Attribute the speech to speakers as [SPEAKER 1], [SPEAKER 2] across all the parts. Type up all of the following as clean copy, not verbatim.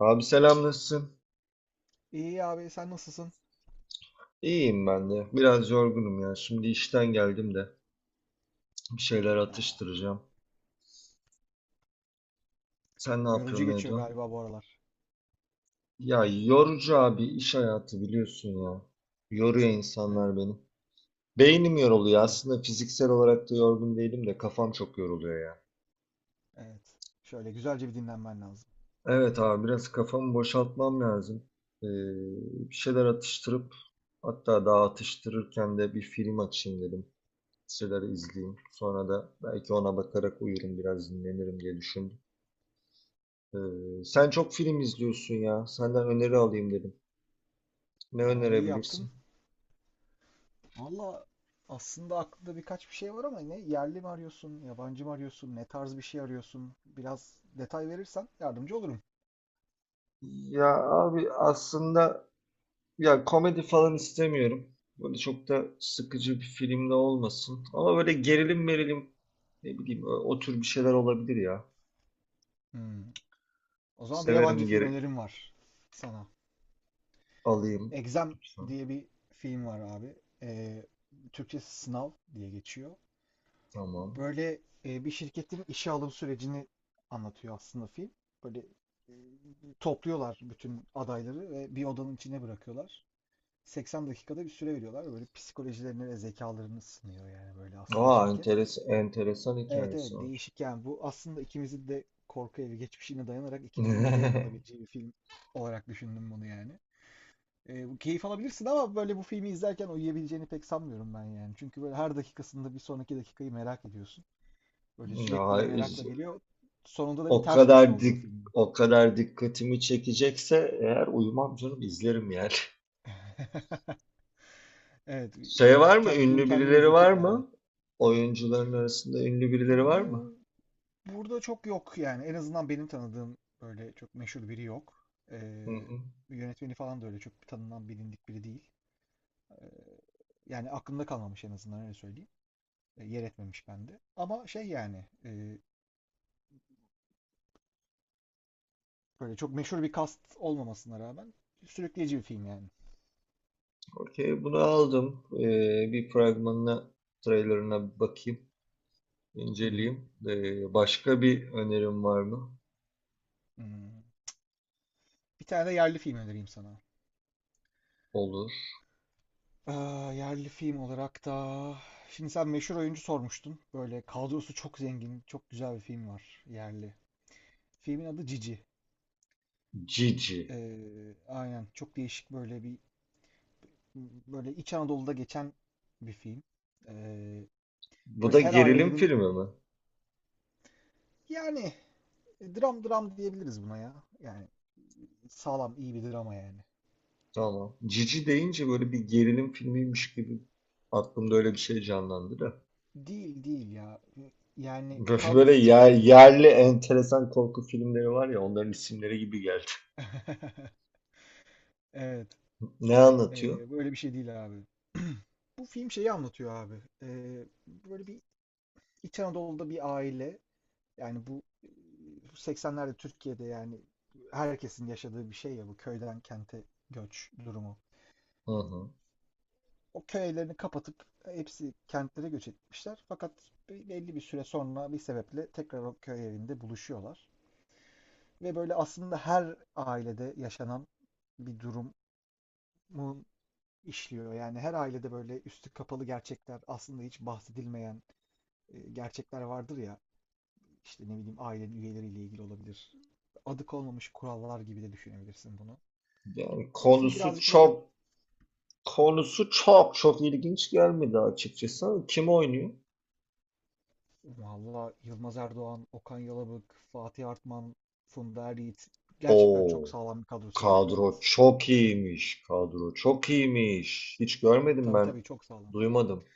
[SPEAKER 1] Abi selam nasılsın?
[SPEAKER 2] İyi abi sen nasılsın?
[SPEAKER 1] İyiyim ben de. Biraz yorgunum ya. Şimdi işten geldim de bir şeyler
[SPEAKER 2] Aa,
[SPEAKER 1] atıştıracağım. Sen ne
[SPEAKER 2] yorucu
[SPEAKER 1] yapıyorsun, ne
[SPEAKER 2] geçiyor
[SPEAKER 1] ediyorsun?
[SPEAKER 2] galiba bu aralar.
[SPEAKER 1] Ya yorucu abi iş hayatı biliyorsun ya. Yoruyor
[SPEAKER 2] Evet,
[SPEAKER 1] insanlar beni. Beynim yoruluyor.
[SPEAKER 2] evet,
[SPEAKER 1] Aslında fiziksel olarak da yorgun değilim de kafam çok yoruluyor ya.
[SPEAKER 2] evet. Şöyle güzelce bir dinlenmen lazım.
[SPEAKER 1] Evet abi biraz kafamı boşaltmam lazım. Ee, Bir şeyler atıştırıp hatta daha atıştırırken de bir film açayım dedim. Listeleri izleyeyim. Sonra da belki ona bakarak uyurum biraz dinlenirim diye düşündüm. Sen çok film izliyorsun ya. Senden öneri alayım dedim. Ne
[SPEAKER 2] Aa, iyi yaptın.
[SPEAKER 1] önerebilirsin?
[SPEAKER 2] Valla aslında aklında birkaç bir şey var ama ne yerli mi arıyorsun, yabancı mı arıyorsun, ne tarz bir şey arıyorsun? Biraz detay verirsen yardımcı olurum.
[SPEAKER 1] Ya abi aslında ya komedi falan istemiyorum. Böyle çok da sıkıcı bir film de olmasın. Ama böyle gerilim merilim ne bileyim o tür bir şeyler olabilir ya.
[SPEAKER 2] Hmm. O zaman bir yabancı
[SPEAKER 1] Severim,
[SPEAKER 2] film
[SPEAKER 1] geri
[SPEAKER 2] önerim var sana.
[SPEAKER 1] alayım.
[SPEAKER 2] Exam
[SPEAKER 1] Lütfen.
[SPEAKER 2] diye bir film var abi. Ee, Türkçesi Sınav diye geçiyor.
[SPEAKER 1] Tamam.
[SPEAKER 2] Böyle bir şirketin işe alım sürecini anlatıyor aslında film. Böyle e, topluyorlar bütün adayları ve bir odanın içine bırakıyorlar. 80 dakikada bir süre veriyorlar. Ve Böyle psikolojilerini ve zekalarını sınıyor yani böyle aslında
[SPEAKER 1] Aa,
[SPEAKER 2] şirket.
[SPEAKER 1] enteresan
[SPEAKER 2] Evet evet
[SPEAKER 1] hikayesi var.
[SPEAKER 2] değişik yani bu aslında ikimizin de korku evi geçmişine dayanarak ikimizin de zevk alabileceği bir film olarak düşündüm bunu yani. Bu keyif alabilirsin ama böyle bu filmi izlerken uyuyabileceğini pek sanmıyorum ben yani. Çünkü böyle her dakikasında bir sonraki dakikayı merak ediyorsun. Böyle
[SPEAKER 1] Ya,
[SPEAKER 2] sürekli bir merakla geliyor. Sonunda da bir
[SPEAKER 1] O
[SPEAKER 2] ters köşe
[SPEAKER 1] kadar
[SPEAKER 2] oluyor
[SPEAKER 1] dik
[SPEAKER 2] filmin.
[SPEAKER 1] o kadar dikkatimi çekecekse eğer uyumam canım izlerim yani.
[SPEAKER 2] Evet,
[SPEAKER 1] Şey
[SPEAKER 2] bu
[SPEAKER 1] var mı?
[SPEAKER 2] film
[SPEAKER 1] Ünlü
[SPEAKER 2] kendini
[SPEAKER 1] birileri
[SPEAKER 2] izletir
[SPEAKER 1] var
[SPEAKER 2] yani.
[SPEAKER 1] mı? Oyuncuların arasında ünlü birileri var mı?
[SPEAKER 2] Bu burada çok yok yani. En azından benim tanıdığım böyle çok meşhur biri yok.
[SPEAKER 1] Hı hı.
[SPEAKER 2] Yönetmeni falan da öyle çok tanınan bilindik biri değil. Ee, Yani aklımda kalmamış en azından öyle söyleyeyim. Yer etmemiş bende. Ama şey yani böyle çok meşhur bir cast olmamasına rağmen sürükleyici bir film yani.
[SPEAKER 1] Okey, bunu aldım. Bir fragmanına, trailerına bakayım,
[SPEAKER 2] Hı hı.
[SPEAKER 1] inceleyeyim. Başka bir önerim var mı?
[SPEAKER 2] Hmm. Bir tane de yerli film önereyim sana.
[SPEAKER 1] Olur.
[SPEAKER 2] Aa, yerli film olarak da şimdi sen meşhur oyuncu sormuştun. Böyle kadrosu çok zengin, çok güzel bir film var yerli. Filmin adı Cici.
[SPEAKER 1] Cici.
[SPEAKER 2] Aynen çok değişik böyle bir böyle İç Anadolu'da geçen bir film. Ee,
[SPEAKER 1] Bu
[SPEAKER 2] Böyle
[SPEAKER 1] da
[SPEAKER 2] her
[SPEAKER 1] gerilim
[SPEAKER 2] ailenin
[SPEAKER 1] filmi mi?
[SPEAKER 2] yani dram dram diyebiliriz buna ya. Yani sağlam iyi bir drama yani.
[SPEAKER 1] Tamam. Cici deyince böyle bir gerilim filmiymiş gibi aklımda öyle bir şey canlandı da.
[SPEAKER 2] Değil değil ya. Yani
[SPEAKER 1] Böyle
[SPEAKER 2] kadrosu çok zengin.
[SPEAKER 1] yerli enteresan korku filmleri var ya, onların isimleri gibi geldi.
[SPEAKER 2] Evet.
[SPEAKER 1] Ne anlatıyor?
[SPEAKER 2] Böyle bir şey değil abi. Bu film şeyi anlatıyor abi. Böyle bir İç Anadolu'da bir aile yani bu 80'lerde Türkiye'de yani herkesin yaşadığı bir şey ya bu köyden kente göç durumu.
[SPEAKER 1] Hı hı.
[SPEAKER 2] O köylerini kapatıp hepsi kentlere göç etmişler. Fakat belli bir süre sonra bir sebeple tekrar o köy evinde buluşuyorlar. Ve böyle aslında her ailede yaşanan bir durumu işliyor. Yani her ailede böyle üstü kapalı gerçekler, aslında hiç bahsedilmeyen gerçekler vardır ya. İşte ne bileyim aile üyeleriyle ilgili olabilir. Adı konmamış kurallar gibi de düşünebilirsin bunu.
[SPEAKER 1] Yani
[SPEAKER 2] E, Fi Birazcık böyle
[SPEAKER 1] konusu çok çok ilginç gelmedi açıkçası. Kim oynuyor?
[SPEAKER 2] valla Yılmaz Erdoğan, Okan Yalabık, Fatih Artman, Funda Er. Gerçekten çok
[SPEAKER 1] Oo,
[SPEAKER 2] sağlam bir kadrosu var.
[SPEAKER 1] kadro
[SPEAKER 2] Evet.
[SPEAKER 1] çok iyiymiş. Kadro çok iyiymiş. Hiç görmedim
[SPEAKER 2] Tabii
[SPEAKER 1] ben.
[SPEAKER 2] tabii çok sağlam.
[SPEAKER 1] Duymadım.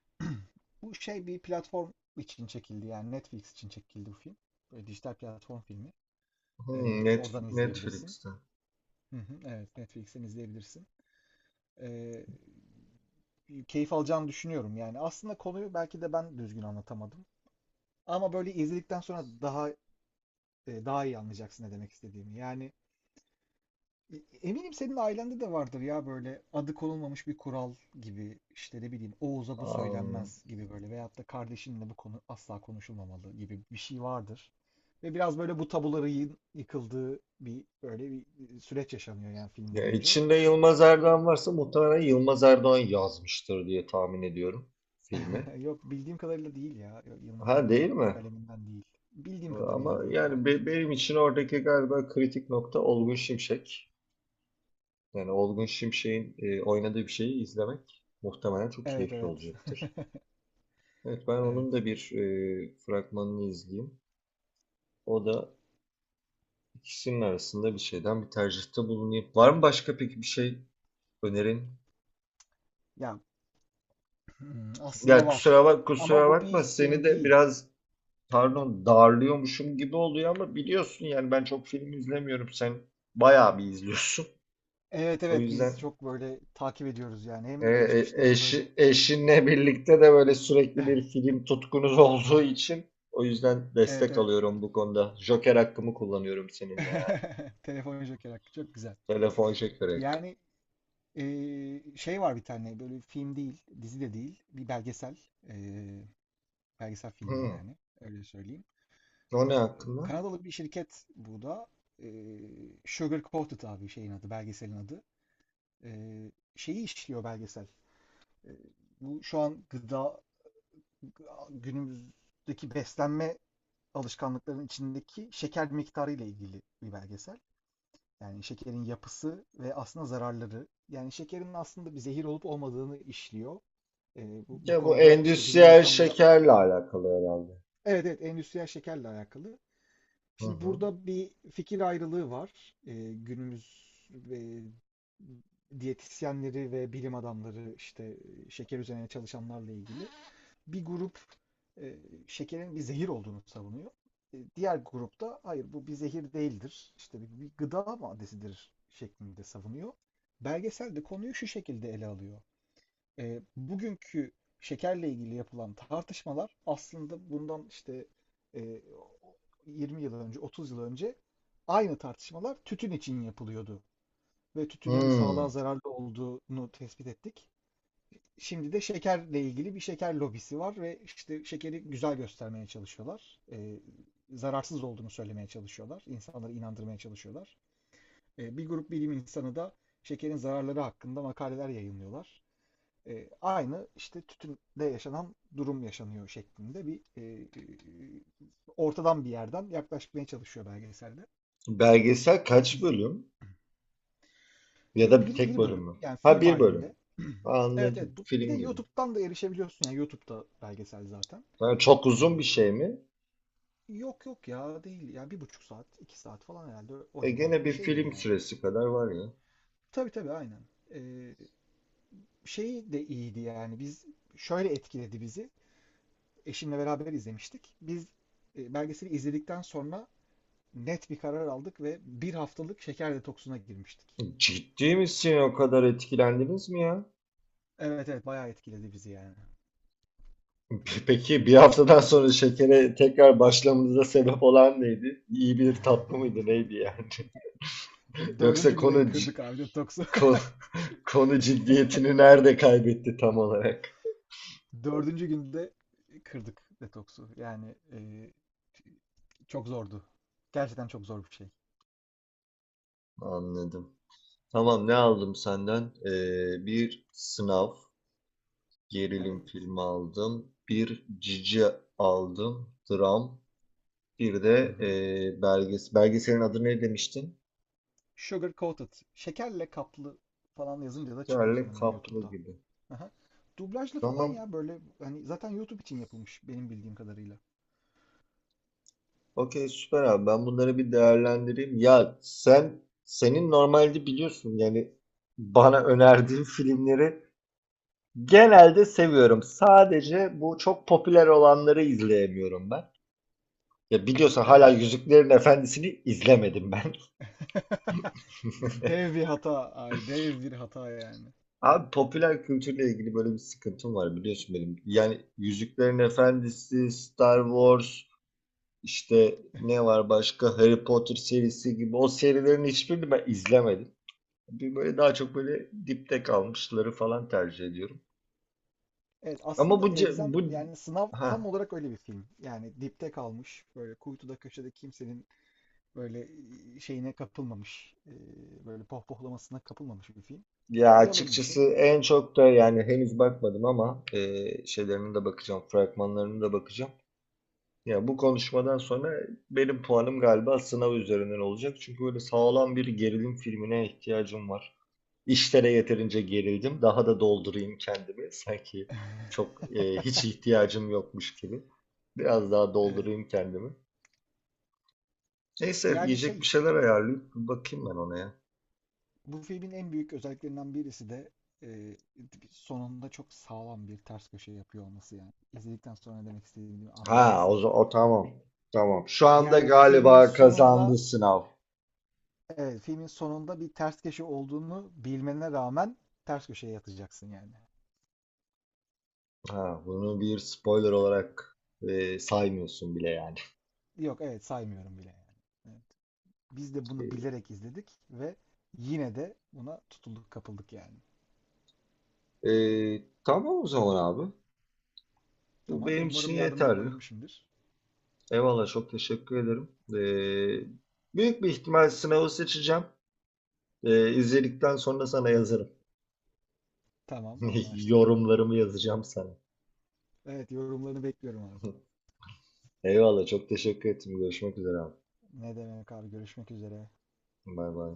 [SPEAKER 2] Bu şey bir platform için çekildi yani Netflix için çekildi bu film. Böyle dijital platform filmi.
[SPEAKER 1] Hmm,
[SPEAKER 2] Oradan izleyebilirsin.
[SPEAKER 1] Netflix'te.
[SPEAKER 2] Hı hı, evet Netflix'ten izleyebilirsin. Ee, Keyif alacağını düşünüyorum yani. Aslında konuyu belki de ben düzgün anlatamadım. Ama böyle izledikten sonra daha iyi anlayacaksın ne demek istediğimi. Yani eminim senin ailende de vardır ya böyle adı konulmamış bir kural gibi işte ne bileyim Oğuz'a bu
[SPEAKER 1] Am,
[SPEAKER 2] söylenmez gibi böyle veyahut da kardeşinle bu konu asla konuşulmamalı gibi bir şey vardır. Ve biraz böyle bu tabuların yıkıldığı bir böyle bir süreç yaşanıyor yani film
[SPEAKER 1] ya
[SPEAKER 2] boyunca.
[SPEAKER 1] içinde Yılmaz Erdoğan varsa muhtemelen Yılmaz Erdoğan yazmıştır diye tahmin ediyorum filmi.
[SPEAKER 2] Yok bildiğim kadarıyla değil ya. Yok, Yılmaz
[SPEAKER 1] Ha değil
[SPEAKER 2] Erdoğan
[SPEAKER 1] mi?
[SPEAKER 2] kaleminden değil. Bildiğim kadarıyla
[SPEAKER 1] Ama
[SPEAKER 2] değil
[SPEAKER 1] yani
[SPEAKER 2] yani şimdi.
[SPEAKER 1] benim için oradaki galiba kritik nokta Olgun Şimşek. Yani Olgun Şimşek'in oynadığı bir şeyi izlemek muhtemelen çok
[SPEAKER 2] Evet
[SPEAKER 1] keyifli
[SPEAKER 2] evet.
[SPEAKER 1] olacaktır. Evet ben
[SPEAKER 2] Evet.
[SPEAKER 1] onun da bir fragmanını izleyeyim. O da ikisinin arasında bir şeyden bir tercihte bulunayım. Var mı başka peki bir şey önerin?
[SPEAKER 2] Ya
[SPEAKER 1] Ya
[SPEAKER 2] aslında
[SPEAKER 1] kusura
[SPEAKER 2] var.
[SPEAKER 1] kusura
[SPEAKER 2] Ama bu
[SPEAKER 1] bakma
[SPEAKER 2] bir
[SPEAKER 1] seni
[SPEAKER 2] film
[SPEAKER 1] de
[SPEAKER 2] değil.
[SPEAKER 1] biraz pardon darlıyormuşum gibi oluyor ama biliyorsun yani ben çok film izlemiyorum. Sen bayağı bir izliyorsun.
[SPEAKER 2] Evet
[SPEAKER 1] O
[SPEAKER 2] evet
[SPEAKER 1] yüzden.
[SPEAKER 2] biz çok böyle takip ediyoruz yani. Hem geçmişteki böyle.
[SPEAKER 1] Eşinle birlikte de böyle sürekli bir film tutkunuz olduğu için o yüzden
[SPEAKER 2] Evet
[SPEAKER 1] destek
[SPEAKER 2] evet.
[SPEAKER 1] alıyorum bu konuda. Joker hakkımı kullanıyorum seninle ya.
[SPEAKER 2] Telefon Joker hakkı çok güzel.
[SPEAKER 1] Telefon şekeri hakkı.
[SPEAKER 2] Yani şey var bir tane böyle film değil, dizi de değil, bir belgesel, eee, belgesel filmi
[SPEAKER 1] Hı.
[SPEAKER 2] yani öyle söyleyeyim.
[SPEAKER 1] O ne
[SPEAKER 2] Ee,
[SPEAKER 1] hakkında?
[SPEAKER 2] Kanadalı bir şirket bu da. Ee, Sugar Coated abi şeyin adı, belgeselin adı. Şeyi işliyor belgesel. Ee, Bu şu an gıda günümüzdeki beslenme alışkanlıklarının içindeki şeker miktarı ile ilgili bir belgesel. Yani şekerin yapısı ve aslında zararları. Yani şekerin aslında bir zehir olup olmadığını işliyor. Bu
[SPEAKER 1] Ya bu
[SPEAKER 2] konuda işte bilim
[SPEAKER 1] endüstriyel
[SPEAKER 2] insanları.
[SPEAKER 1] şekerle alakalı herhalde.
[SPEAKER 2] Evet evet endüstriyel şekerle alakalı.
[SPEAKER 1] Hı
[SPEAKER 2] Şimdi
[SPEAKER 1] hı.
[SPEAKER 2] burada bir fikir ayrılığı var. Günümüz e, diyetisyenleri ve bilim adamları işte şeker üzerine çalışanlarla ilgili. Bir grup e, şekerin bir zehir olduğunu savunuyor. Diğer grupta hayır bu bir zehir değildir. İşte bir gıda maddesidir şeklinde savunuyor. Belgesel de konuyu şu şekilde ele alıyor. Bugünkü şekerle ilgili yapılan tartışmalar aslında bundan işte e, 20 yıl önce, 30 yıl önce aynı tartışmalar tütün için yapılıyordu ve tütünün
[SPEAKER 1] Hı.
[SPEAKER 2] sağlığa zararlı olduğunu tespit ettik. Şimdi de şekerle ilgili bir şeker lobisi var ve işte şekeri güzel göstermeye çalışıyorlar. Zararsız olduğunu söylemeye çalışıyorlar. İnsanları inandırmaya çalışıyorlar. Bir grup bilim insanı da şekerin zararları hakkında makaleler yayınlıyorlar. Aynı işte tütünde yaşanan durum yaşanıyor şeklinde bir e, ortadan bir yerden yaklaşmaya çalışıyor belgeselde.
[SPEAKER 1] Belgesel
[SPEAKER 2] Ama
[SPEAKER 1] kaç
[SPEAKER 2] iz-
[SPEAKER 1] bölüm? Ya
[SPEAKER 2] Yok
[SPEAKER 1] da
[SPEAKER 2] bir,
[SPEAKER 1] tek
[SPEAKER 2] bir
[SPEAKER 1] bölüm
[SPEAKER 2] bölüm
[SPEAKER 1] mü?
[SPEAKER 2] yani
[SPEAKER 1] Ha
[SPEAKER 2] film
[SPEAKER 1] bir bölüm.
[SPEAKER 2] halinde. Evet
[SPEAKER 1] Anladım.
[SPEAKER 2] evet bu, bir de
[SPEAKER 1] Film gibi.
[SPEAKER 2] YouTube'dan da erişebiliyorsun yani YouTube'da belgesel zaten.
[SPEAKER 1] Ha, çok uzun bir
[SPEAKER 2] E,
[SPEAKER 1] şey mi?
[SPEAKER 2] Yok yok ya değil ya 1,5 saat 2 saat falan herhalde o
[SPEAKER 1] E gene
[SPEAKER 2] civarda bir
[SPEAKER 1] bir
[SPEAKER 2] şeydir
[SPEAKER 1] film
[SPEAKER 2] yani.
[SPEAKER 1] süresi kadar var ya.
[SPEAKER 2] Tabii tabii aynen. E, Şey de iyiydi yani biz şöyle etkiledi bizi. Eşimle beraber izlemiştik. Biz belgeseli izledikten sonra net bir karar aldık ve bir haftalık şeker detoksuna girmiştik.
[SPEAKER 1] Ciddi misin? O kadar etkilendiniz mi ya?
[SPEAKER 2] Evet evet bayağı etkiledi bizi yani.
[SPEAKER 1] Peki bir haftadan sonra şekere tekrar başlamanıza sebep olan neydi? İyi bir tatlı mıydı neydi yani? Yoksa
[SPEAKER 2] Dördüncü günde kırdık abi detoksu.
[SPEAKER 1] ko- konu ciddiyetini nerede kaybetti tam olarak?
[SPEAKER 2] Dördüncü günde kırdık detoksu. Yani çok zordu. Gerçekten çok zor bir şey.
[SPEAKER 1] Anladım. Tamam ne aldım senden? Bir sınav gerilim
[SPEAKER 2] Evet.
[SPEAKER 1] filmi aldım. Bir cici aldım. Dram. Bir
[SPEAKER 2] Hı
[SPEAKER 1] de
[SPEAKER 2] hı.
[SPEAKER 1] belgeselin adı ne demiştin?
[SPEAKER 2] Sugar coated. Şekerle kaplı falan yazınca da çıkıyor
[SPEAKER 1] Yerli
[SPEAKER 2] sanırım
[SPEAKER 1] kaplı
[SPEAKER 2] YouTube'da.
[SPEAKER 1] gibi.
[SPEAKER 2] Aha. Dublajlı falan
[SPEAKER 1] Tamam.
[SPEAKER 2] ya böyle hani zaten YouTube için yapılmış benim bildiğim kadarıyla.
[SPEAKER 1] Okey süper abi ben bunları bir değerlendireyim. Ya senin normalde biliyorsun yani bana önerdiğin filmleri genelde seviyorum. Sadece bu çok popüler olanları izleyemiyorum ben. Ya biliyorsun hala
[SPEAKER 2] Evet.
[SPEAKER 1] Yüzüklerin Efendisi'ni izlemedim ben.
[SPEAKER 2] Dev bir hata abi, dev bir hata yani.
[SPEAKER 1] Abi popüler kültürle ilgili böyle bir sıkıntım var biliyorsun benim. Yani Yüzüklerin Efendisi, Star Wars, işte ne var başka Harry Potter serisi gibi o serilerin hiçbirini ben izlemedim. Bir böyle daha çok böyle dipte kalmışları falan tercih ediyorum.
[SPEAKER 2] Evet
[SPEAKER 1] Ama
[SPEAKER 2] aslında
[SPEAKER 1] bu ce-
[SPEAKER 2] Exam
[SPEAKER 1] bu
[SPEAKER 2] yani sınav tam
[SPEAKER 1] ha
[SPEAKER 2] olarak öyle bir film. Yani dipte kalmış böyle kuytuda köşede kimsenin böyle şeyine kapılmamış böyle pohpohlamasına kapılmamış bir film.
[SPEAKER 1] ya
[SPEAKER 2] Yalın bir
[SPEAKER 1] açıkçası
[SPEAKER 2] şey.
[SPEAKER 1] en çok da yani henüz bakmadım ama şeylerine de bakacağım, fragmanlarına da bakacağım. Ya bu konuşmadan sonra benim puanım galiba sınav üzerinden olacak. Çünkü böyle sağlam bir gerilim filmine ihtiyacım var. İşlere yeterince gerildim. Daha da doldurayım kendimi. Sanki çok hiç ihtiyacım yokmuş gibi. Biraz daha
[SPEAKER 2] Evet.
[SPEAKER 1] doldurayım kendimi. Neyse
[SPEAKER 2] Yani
[SPEAKER 1] yiyecek
[SPEAKER 2] şey.
[SPEAKER 1] bir şeyler ayarlayıp bakayım ben ona ya.
[SPEAKER 2] Bu filmin en büyük özelliklerinden birisi de e, sonunda çok sağlam bir ters köşe yapıyor olması yani. İzledikten sonra ne demek istediğimi anlayacaksın.
[SPEAKER 1] O tamam. Tamam. Şu anda
[SPEAKER 2] Yani filmin
[SPEAKER 1] galiba
[SPEAKER 2] sonunda
[SPEAKER 1] kazandı sınav.
[SPEAKER 2] evet, filmin sonunda bir ters köşe olduğunu bilmene rağmen ters köşeye yatacaksın yani.
[SPEAKER 1] Ha, bunu bir spoiler olarak saymıyorsun bile yani.
[SPEAKER 2] Yok evet saymıyorum bile yani. Evet. Biz de bunu bilerek izledik ve yine de buna tutulduk kapıldık yani.
[SPEAKER 1] Tamam o zaman abi. Bu
[SPEAKER 2] Tamam
[SPEAKER 1] benim için
[SPEAKER 2] umarım yardımcı
[SPEAKER 1] yeterli.
[SPEAKER 2] olabilmişimdir.
[SPEAKER 1] Eyvallah çok teşekkür ederim. Büyük bir ihtimal sınavı seçeceğim. İzledikten sonra sana yazarım.
[SPEAKER 2] Tamam anlaştık.
[SPEAKER 1] Yorumlarımı yazacağım sana.
[SPEAKER 2] Evet yorumlarını bekliyorum abi.
[SPEAKER 1] Eyvallah çok teşekkür ettim. Görüşmek üzere abi.
[SPEAKER 2] Ne demek abi görüşmek üzere.
[SPEAKER 1] Bay bay.